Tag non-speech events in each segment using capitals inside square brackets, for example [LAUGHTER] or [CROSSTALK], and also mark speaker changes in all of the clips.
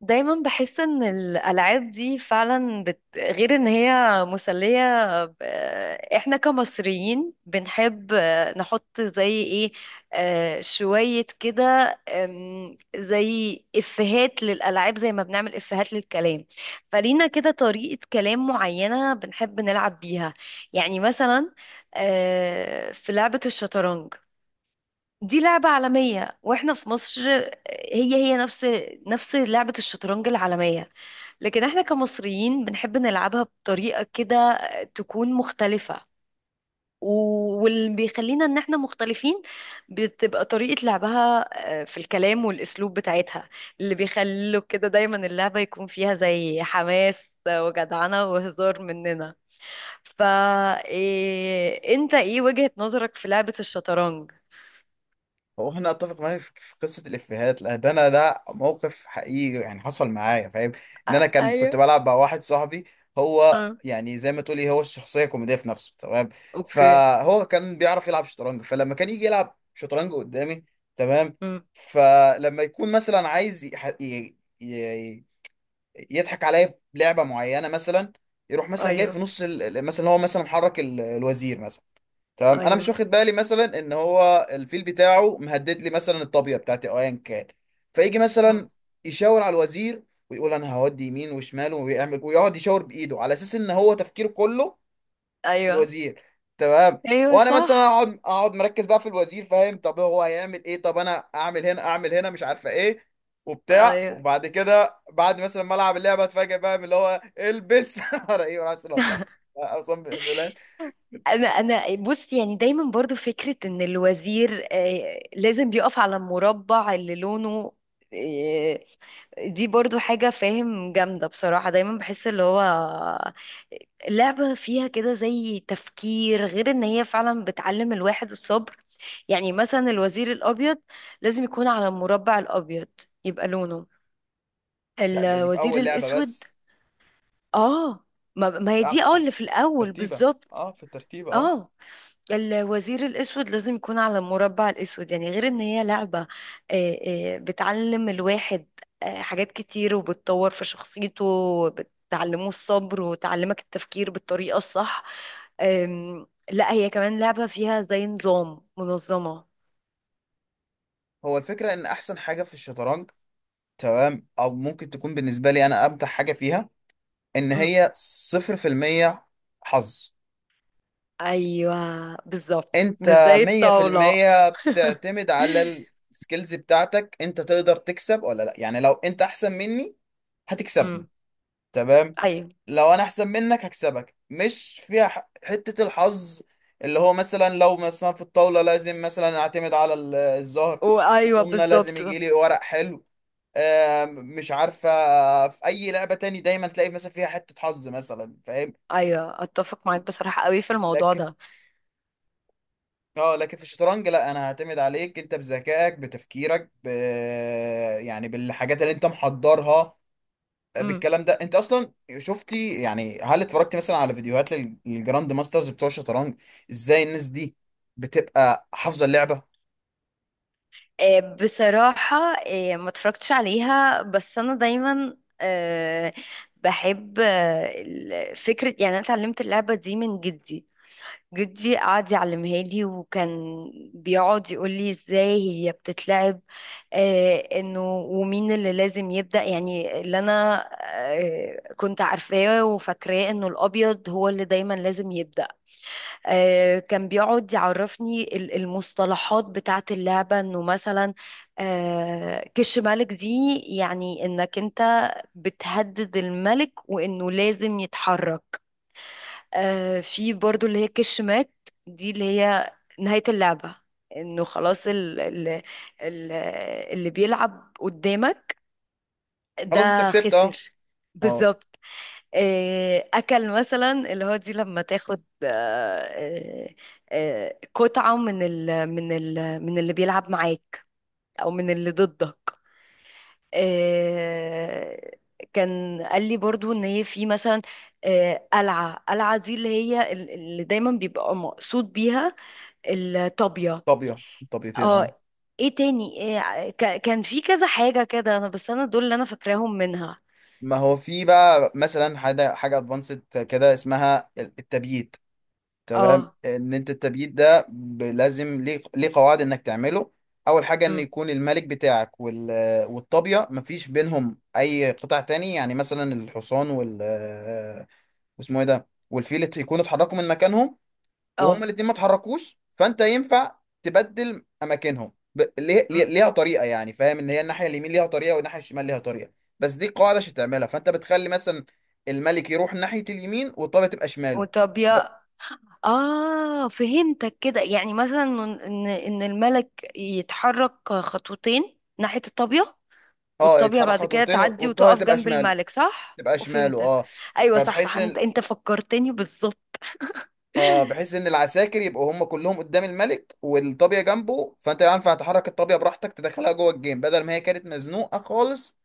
Speaker 1: دايما بحس ان الالعاب دي فعلا غير ان هي مسليه ب... احنا كمصريين بنحب، نحط زي ايه، شويه كده. زي افيهات للالعاب زي ما بنعمل افيهات للكلام. فلينا كده طريقه كلام معينه بنحب نلعب بيها. يعني مثلا، في لعبه الشطرنج. دي لعبة عالمية، واحنا في مصر هي نفس لعبة الشطرنج العالمية. لكن احنا كمصريين بنحب نلعبها بطريقة كده تكون مختلفة، واللي بيخلينا ان احنا مختلفين بتبقى طريقة لعبها، في الكلام والاسلوب بتاعتها، اللي بيخلوا كده دايما اللعبة يكون فيها زي حماس وجدعنة وهزار مننا. فا إيه، انت ايه وجهة نظرك في لعبة الشطرنج؟
Speaker 2: هو احنا اتفق معايا في قصه الافيهات؟ لا ده انا، ده موقف حقيقي يعني حصل معايا فاهم. ان انا كان كنت
Speaker 1: ايوه.
Speaker 2: بلعب مع واحد صاحبي، هو يعني زي ما تقولي هو الشخصيه كوميديه في نفسه، تمام.
Speaker 1: اوكي.
Speaker 2: فهو كان بيعرف يلعب شطرنج، فلما كان يجي يلعب شطرنج قدامي، تمام.
Speaker 1: امم.
Speaker 2: فلما يكون مثلا عايز يضحك عليا بلعبه معينه مثلا، يروح مثلا جاي في
Speaker 1: ايوه.
Speaker 2: نص مثلا، هو مثلا محرك الوزير مثلا، تمام. انا مش
Speaker 1: ايوه.
Speaker 2: واخد بالي مثلا ان هو الفيل بتاعه مهدد لي مثلا الطابيه بتاعتي او ايا كان. فيجي
Speaker 1: امم.
Speaker 2: مثلا يشاور على الوزير ويقول انا هودي يمين وشمال، ويعمل ويقعد يشاور بايده على اساس ان هو تفكيره كله
Speaker 1: ايوه.
Speaker 2: الوزير، تمام.
Speaker 1: ايوه
Speaker 2: وانا مثلا
Speaker 1: صح.
Speaker 2: اقعد مركز بقى في الوزير فاهم، طب هو هيعمل ايه، طب انا اعمل هنا اعمل هنا، مش عارفه ايه وبتاع.
Speaker 1: ايوه،
Speaker 2: وبعد كده بعد مثلا ما العب اللعبه اتفاجئ بقى من اللي هو البس [LAUGHS] ورا ايه ورا اصلا.
Speaker 1: انا بص. يعني دايما برضو فكرة ان الوزير، لازم بيقف على المربع اللي لونه آه، دي برضو حاجة، فاهم، جامدة بصراحة. دايما بحس اللي هو، لعبة فيها كده زي تفكير، غير ان هي فعلا بتعلم الواحد الصبر. يعني مثلا الوزير الابيض لازم يكون على المربع الابيض، يبقى لونه
Speaker 2: لا ده، دي في
Speaker 1: الوزير
Speaker 2: اول لعبه
Speaker 1: الاسود.
Speaker 2: بس.
Speaker 1: اه. ما هي
Speaker 2: أف
Speaker 1: دي، اه، اللي
Speaker 2: أف
Speaker 1: في الاول
Speaker 2: ترتيبة،
Speaker 1: بالظبط.
Speaker 2: اه في الترتيبة اه.
Speaker 1: اه. الوزير الاسود لازم يكون على المربع الاسود. يعني غير ان هي لعبة، بتعلم الواحد حاجات كتير، وبتطور في شخصيته وبتعلمه الصبر وتعلمك التفكير بالطريقة الصح. لا، هي كمان لعبة فيها زي نظام منظمة.
Speaker 2: هو الفكرة ان احسن حاجة في الشطرنج، تمام، او ممكن تكون بالنسبة لي انا امتع حاجة فيها، ان
Speaker 1: مم.
Speaker 2: هي صفر في المية حظ.
Speaker 1: ايوه، بالظبط، مش
Speaker 2: انت
Speaker 1: زي
Speaker 2: مية في
Speaker 1: الطاولة.
Speaker 2: المية
Speaker 1: [LAUGHS]
Speaker 2: بتعتمد على السكيلز بتاعتك، انت تقدر تكسب ولا لا. يعني لو انت احسن مني هتكسبني،
Speaker 1: مم.
Speaker 2: تمام،
Speaker 1: ايوه.
Speaker 2: لو انا احسن منك هكسبك، مش فيها حتة الحظ اللي هو مثلا لو مثلا في الطاولة لازم مثلا اعتمد على الزهر، في
Speaker 1: وايوه،
Speaker 2: الضمنة لازم
Speaker 1: بالظبط.
Speaker 2: يجي لي ورق حلو. مش عارفة، في اي لعبة تاني دايما تلاقي مثلا فيها حتة حظ مثلا فاهم.
Speaker 1: ايوه، اتفق معاك بصراحه قوي في الموضوع
Speaker 2: لكن،
Speaker 1: ده.
Speaker 2: اه لكن في الشطرنج لا، انا هعتمد عليك انت بذكائك بتفكيرك يعني بالحاجات اللي انت محضرها
Speaker 1: امم.
Speaker 2: بالكلام ده انت اصلا. شفتي يعني، هل اتفرجتي مثلا على فيديوهات للجراند ماسترز بتوع الشطرنج ازاي الناس دي بتبقى حافظه اللعبه؟
Speaker 1: بصراحه، ما اتفرجتش عليها، بس انا دايما بحب، فكره، يعني انا اتعلمت اللعبه دي من جدي. جدي قعد يعلمها لي، وكان بيقعد يقول لي ازاي هي بتتلعب. انه ومين اللي لازم يبدأ، يعني اللي انا، كنت عارفاه وفاكراه انه الابيض هو اللي دايما لازم يبدأ. كان بيقعد يعرفني المصطلحات بتاعت اللعبة، انه مثلا، كش ملك، دي يعني انك انت بتهدد الملك، وانه لازم يتحرك. في برضو اللي هي كش مات. دي اللي هي نهاية اللعبة، انه خلاص ال اللي بيلعب قدامك ده
Speaker 2: خلاص انت كسبت اه.
Speaker 1: خسر.
Speaker 2: اه
Speaker 1: بالظبط. اكل، مثلا اللي هو دي لما تاخد، قطعة من ال من ال من اللي بيلعب معاك، او من اللي ضدك. آه، كان قال لي برضو ان هي في مثلا، قلعة دي اللي هي اللي دايما بيبقى مقصود بيها الطابية.
Speaker 2: طابيه، طابيتين اه.
Speaker 1: اه، ايه تاني؟ إيه، كان في كذا حاجة كده، انا بس انا دول اللي انا فاكراهم منها.
Speaker 2: ما هو في بقى مثلا حاجه ادفانسد كده اسمها التبييت، تمام.
Speaker 1: اه.
Speaker 2: ان انت التبييت ده لازم ليه، قواعد انك تعمله. اول حاجه ان
Speaker 1: أم.
Speaker 2: يكون الملك بتاعك والطابيه مفيش بينهم اي قطع تاني، يعني مثلا الحصان واسمه ايه ده والفيل يكونوا اتحركوا من مكانهم وهما
Speaker 1: اه.
Speaker 2: الاتنين ما اتحركوش، فانت ينفع تبدل اماكنهم.
Speaker 1: أم.
Speaker 2: ليها طريقه يعني فاهم، ان هي الناحيه اليمين ليها طريقه والناحيه الشمال ليها طريقه. بس دي قاعده عشان تعملها، فانت بتخلي مثلا الملك يروح ناحيه اليمين والطابيه تبقى شماله. ب...
Speaker 1: وطابية. اه، فهمتك كده، يعني مثلا ان الملك يتحرك خطوتين ناحية الطابية،
Speaker 2: اه
Speaker 1: والطابية
Speaker 2: يتحرك
Speaker 1: بعد كده
Speaker 2: خطوتين
Speaker 1: تعدي
Speaker 2: والطابيه
Speaker 1: وتقف
Speaker 2: تبقى
Speaker 1: جنب
Speaker 2: شماله،
Speaker 1: الملك، صح؟
Speaker 2: تبقى شماله
Speaker 1: وفهمتك.
Speaker 2: اه.
Speaker 1: ايوه، صح،
Speaker 2: فبحيث
Speaker 1: صح، انت
Speaker 2: ان،
Speaker 1: انت فكرتني بالظبط. [LAUGHS]
Speaker 2: اه بحيث ان العساكر يبقوا هم كلهم قدام الملك والطابيه جنبه، فانت ينفع تحرك الطابيه براحتك تدخلها جوه الجيم بدل ما هي كانت مزنوقه خالص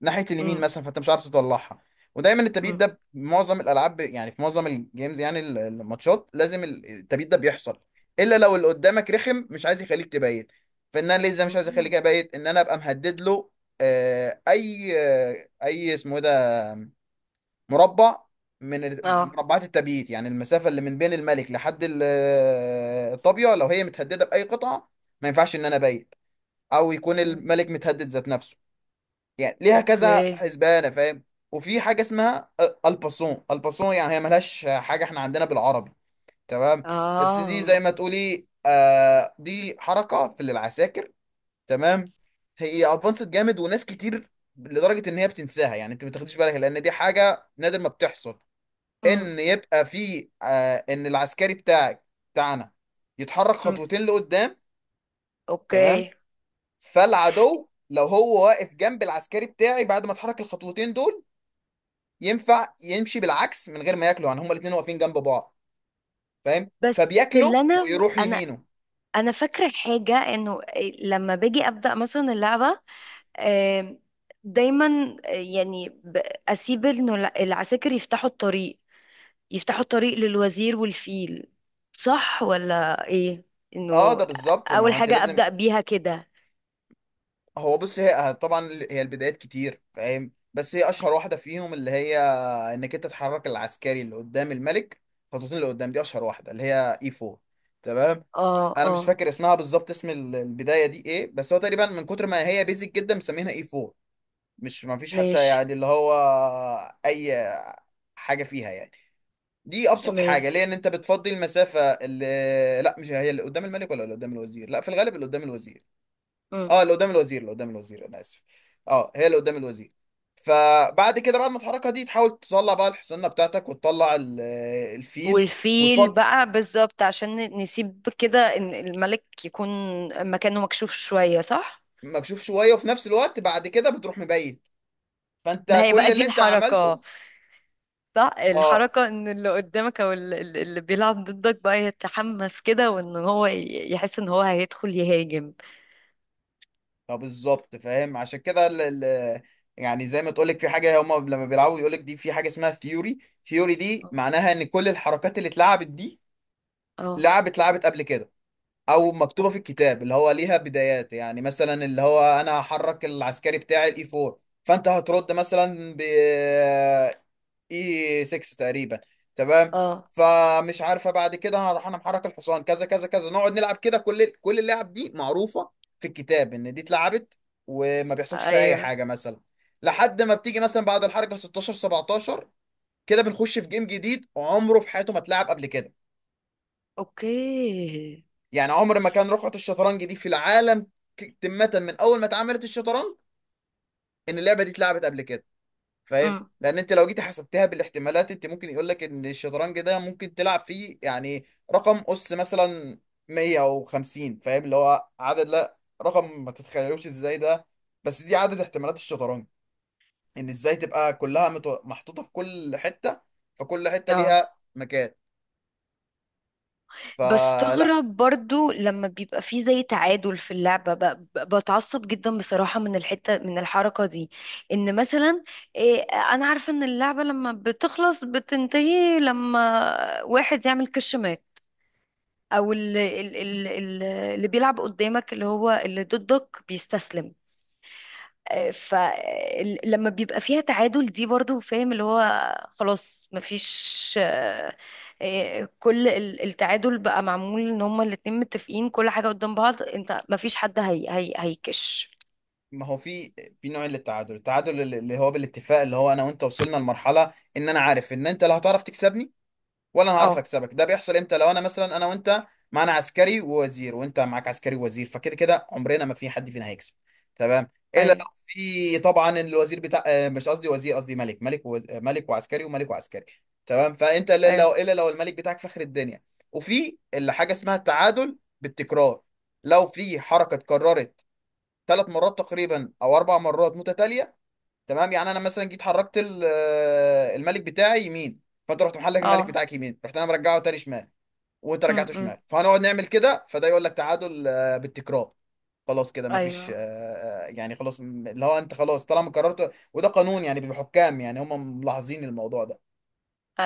Speaker 2: ناحيه اليمين
Speaker 1: أمم.
Speaker 2: مثلا فانت مش عارف تطلعها. ودايما التبييض
Speaker 1: أمم.
Speaker 2: ده معظم الالعاب، يعني في معظم الجيمز، يعني الماتشات لازم التبييض ده بيحصل، الا لو اللي قدامك رخم مش عايز يخليك تبيت. فان انا ليه ازاي مش عايز
Speaker 1: أمم.
Speaker 2: اخليك ابيت، ان انا ابقى مهدد له آه، اي آه، اي اسمه إيه ده، مربع من
Speaker 1: اه.
Speaker 2: مربعات التبييت، يعني المسافه اللي من بين الملك لحد الطابيه، لو هي متهدده باي قطعه ما ينفعش ان انا ابيت، او يكون
Speaker 1: أمم.
Speaker 2: الملك متهدد ذات نفسه. يعني ليها كذا
Speaker 1: اوكي.
Speaker 2: حسبانه فاهم. وفي حاجه اسمها الباسون. الباسون يعني هي ملهاش حاجه احنا عندنا بالعربي، تمام، بس دي زي
Speaker 1: اه.
Speaker 2: ما تقولي آه دي حركه في العساكر، تمام. هي ادفانسد جامد، وناس كتير لدرجه ان هي بتنساها يعني انت ما بتاخديش بالك، لان دي حاجه نادر ما بتحصل.
Speaker 1: أمم.
Speaker 2: ان يبقى في ان العسكري بتاعك، بتاعنا، يتحرك
Speaker 1: أمم.
Speaker 2: خطوتين لقدام، تمام.
Speaker 1: اوكي.
Speaker 2: فالعدو لو هو واقف جنب العسكري بتاعي بعد ما اتحرك الخطوتين دول، ينفع يمشي بالعكس من غير ما ياكله، يعني هما الاثنين واقفين جنب بعض فاهم،
Speaker 1: بس اللي
Speaker 2: فبياكله
Speaker 1: انا
Speaker 2: ويروح
Speaker 1: انا
Speaker 2: يمينه.
Speaker 1: انا فاكره حاجه، انه إيه، لما باجي ابدا مثلا اللعبه، آم، دايما يعني اسيب انه العساكر يفتحوا الطريق، يفتحوا الطريق للوزير والفيل، صح ولا ايه؟
Speaker 2: اه
Speaker 1: انه
Speaker 2: ده بالظبط، ما
Speaker 1: اول
Speaker 2: هو انت
Speaker 1: حاجة
Speaker 2: لازم.
Speaker 1: ابدأ بيها كده.
Speaker 2: هو بص، هي طبعا هي البدايات كتير فاهم، بس هي اشهر واحده فيهم اللي هي انك انت تحرك العسكري اللي قدام الملك خطوتين لقدام، دي اشهر واحده، اللي هي اي 4، تمام.
Speaker 1: اه،
Speaker 2: انا مش
Speaker 1: اه.
Speaker 2: فاكر اسمها بالظبط، اسم البدايه دي ايه، بس هو تقريبا من كتر ما هي بيزك جدا مسمينها اي 4. مش ما فيش حتى
Speaker 1: ماشي.
Speaker 2: يعني اللي هو اي حاجه فيها يعني، دي ابسط
Speaker 1: ماشي.
Speaker 2: حاجه ليه، ان انت بتفضي المسافه اللي، لا مش هي اللي قدام الملك، ولا اللي قدام الوزير، لا في الغالب اللي قدام الوزير.
Speaker 1: مم.
Speaker 2: اه اللي قدام الوزير، اللي قدام الوزير، انا اسف، اه هي اللي قدام الوزير. فبعد كده بعد ما تحركها دي تحاول تطلع بقى الحصانه بتاعتك وتطلع الفيل
Speaker 1: والفيل
Speaker 2: وتفض،
Speaker 1: بقى، بالظبط، عشان نسيب كده ان الملك يكون مكانه مكشوف شوية، صح؟
Speaker 2: مكشوف شويه وفي نفس الوقت بعد كده بتروح مبيت،
Speaker 1: ما
Speaker 2: فانت
Speaker 1: هي
Speaker 2: كل
Speaker 1: بقى دي
Speaker 2: اللي انت
Speaker 1: الحركة.
Speaker 2: عملته،
Speaker 1: صح،
Speaker 2: اه.
Speaker 1: الحركة ان اللي قدامك، او اللي بيلعب ضدك بقى، يتحمس كده، وان هو يحس ان هو هيدخل يهاجم.
Speaker 2: طب بالظبط فاهم عشان كده ال ال يعني زي ما تقولك في حاجة، هما لما بيلعبوا يقولك دي في حاجة اسمها ثيوري. ثيوري دي معناها ان كل الحركات اللي اتلعبت دي
Speaker 1: اه.
Speaker 2: لعبت قبل كده، او مكتوبة في
Speaker 1: اوكي.
Speaker 2: الكتاب اللي هو ليها بدايات. يعني مثلا اللي هو انا هحرك العسكري بتاعي الاي 4، فانت هترد مثلا ب اي 6 تقريبا، تمام.
Speaker 1: اه.
Speaker 2: فمش عارفه بعد كده هروح انا محرك الحصان كذا كذا كذا، نقعد نلعب كده، كل اللعب دي معروفه في الكتاب ان دي اتلعبت وما بيحصلش فيها اي
Speaker 1: ايوه.
Speaker 2: حاجه مثلا، لحد ما بتيجي مثلا بعد الحركه 16 17 كده بنخش في جيم جديد عمره في حياته ما اتلعب قبل كده.
Speaker 1: اوكي.
Speaker 2: يعني عمر ما كان رقعه الشطرنج دي في العالم، تمه من اول ما اتعملت الشطرنج، ان اللعبه دي اتلعبت قبل كده فاهم.
Speaker 1: امم.
Speaker 2: لان انت لو جيتي حسبتها بالاحتمالات، انت ممكن يقول لك ان الشطرنج ده ممكن تلعب فيه يعني رقم اس مثلا 100 او 50 فاهم، اللي هو عدد، لا رقم ما تتخيلوش ازاي ده، بس دي عدد احتمالات الشطرنج، ان ازاي تبقى كلها محطوطة في كل حتة، فكل حتة
Speaker 1: اه،
Speaker 2: ليها مكان. فلا،
Speaker 1: بستغرب برضو لما بيبقى فيه زي تعادل في اللعبة، بتعصب جدا بصراحة من الحتة، من الحركة دي. ان مثلا، إيه، انا عارفة ان اللعبة لما بتخلص بتنتهي لما واحد يعمل كش مات، او اللي بيلعب قدامك، اللي هو اللي ضدك، بيستسلم. فلما بيبقى فيها تعادل دي، برضو، فاهم، اللي هو خلاص مفيش كل التعادل بقى معمول ان هما الاتنين متفقين كل حاجة قدام بعض، انت مفيش حد، هي هيكش.
Speaker 2: ما هو في نوع للتعادل، التعادل اللي هو بالاتفاق، اللي هو انا وانت وصلنا لمرحلة ان انا عارف ان انت لا هتعرف تكسبني ولا انا هعرف
Speaker 1: اه.
Speaker 2: اكسبك. ده بيحصل امتى؟ لو انا مثلا، انا وانت معانا عسكري ووزير، وانت معاك عسكري ووزير، فكده كده عمرنا ما في حد فينا هيكسب، تمام، الا لو
Speaker 1: ايوه.
Speaker 2: في طبعا الوزير بتاع مش قصدي وزير، قصدي ملك، ملك ووز... آه، ملك وعسكري وملك وعسكري، تمام. فانت الا
Speaker 1: ايوه.
Speaker 2: لو الا لو الملك بتاعك فخر الدنيا. وفي اللي حاجه اسمها التعادل بالتكرار، لو في حركه اتكررت 3 مرات تقريبا او 4 مرات متتاليه، تمام. يعني انا مثلا جيت حركت الملك بتاعي يمين، فانت رحت محلك الملك
Speaker 1: اه.
Speaker 2: بتاعك يمين، رحت انا مرجعه تاني شمال، وانت
Speaker 1: م-.
Speaker 2: رجعته
Speaker 1: م.
Speaker 2: شمال، فهنقعد نعمل كده، فده يقول لك تعادل بالتكرار. خلاص كده مفيش
Speaker 1: ايوه.
Speaker 2: يعني خلاص، اللي هو انت خلاص طالما قررت، وده قانون يعني بحكام، يعني هم ملاحظين الموضوع ده،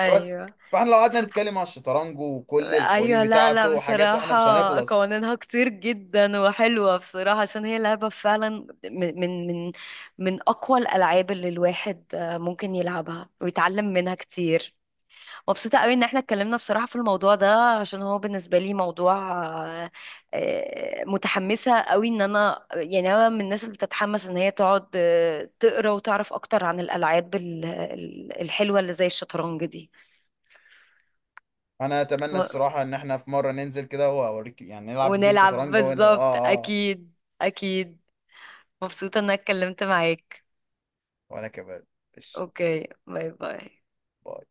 Speaker 2: فبس. فاحنا لو قعدنا نتكلم على الشطرنج وكل القوانين
Speaker 1: ايوه، لا لا،
Speaker 2: بتاعته وحاجاته احنا
Speaker 1: بصراحة،
Speaker 2: مش هنخلص.
Speaker 1: قوانينها كتير جدا وحلوة بصراحة، عشان هي لعبة فعلا من اقوى الالعاب اللي الواحد ممكن يلعبها ويتعلم منها كتير. مبسوطة قوي ان احنا اتكلمنا بصراحة في الموضوع ده، عشان هو بالنسبة لي موضوع، آه، متحمسة قوي ان انا، يعني انا من الناس اللي بتتحمس ان هي تقعد تقرا وتعرف اكتر عن الالعاب، الحلوة اللي زي الشطرنج دي.
Speaker 2: انا اتمنى الصراحه ان احنا في مره ننزل كده واوريك يعني نلعب جيم
Speaker 1: ونلعب
Speaker 2: شطرنج، وانا
Speaker 1: بالظبط،
Speaker 2: اه اه.
Speaker 1: اكيد. اكيد. مبسوطة ان انا اتكلمت معاك.
Speaker 2: وانا كمان. ماشي.
Speaker 1: اوكي، باي باي.
Speaker 2: باي.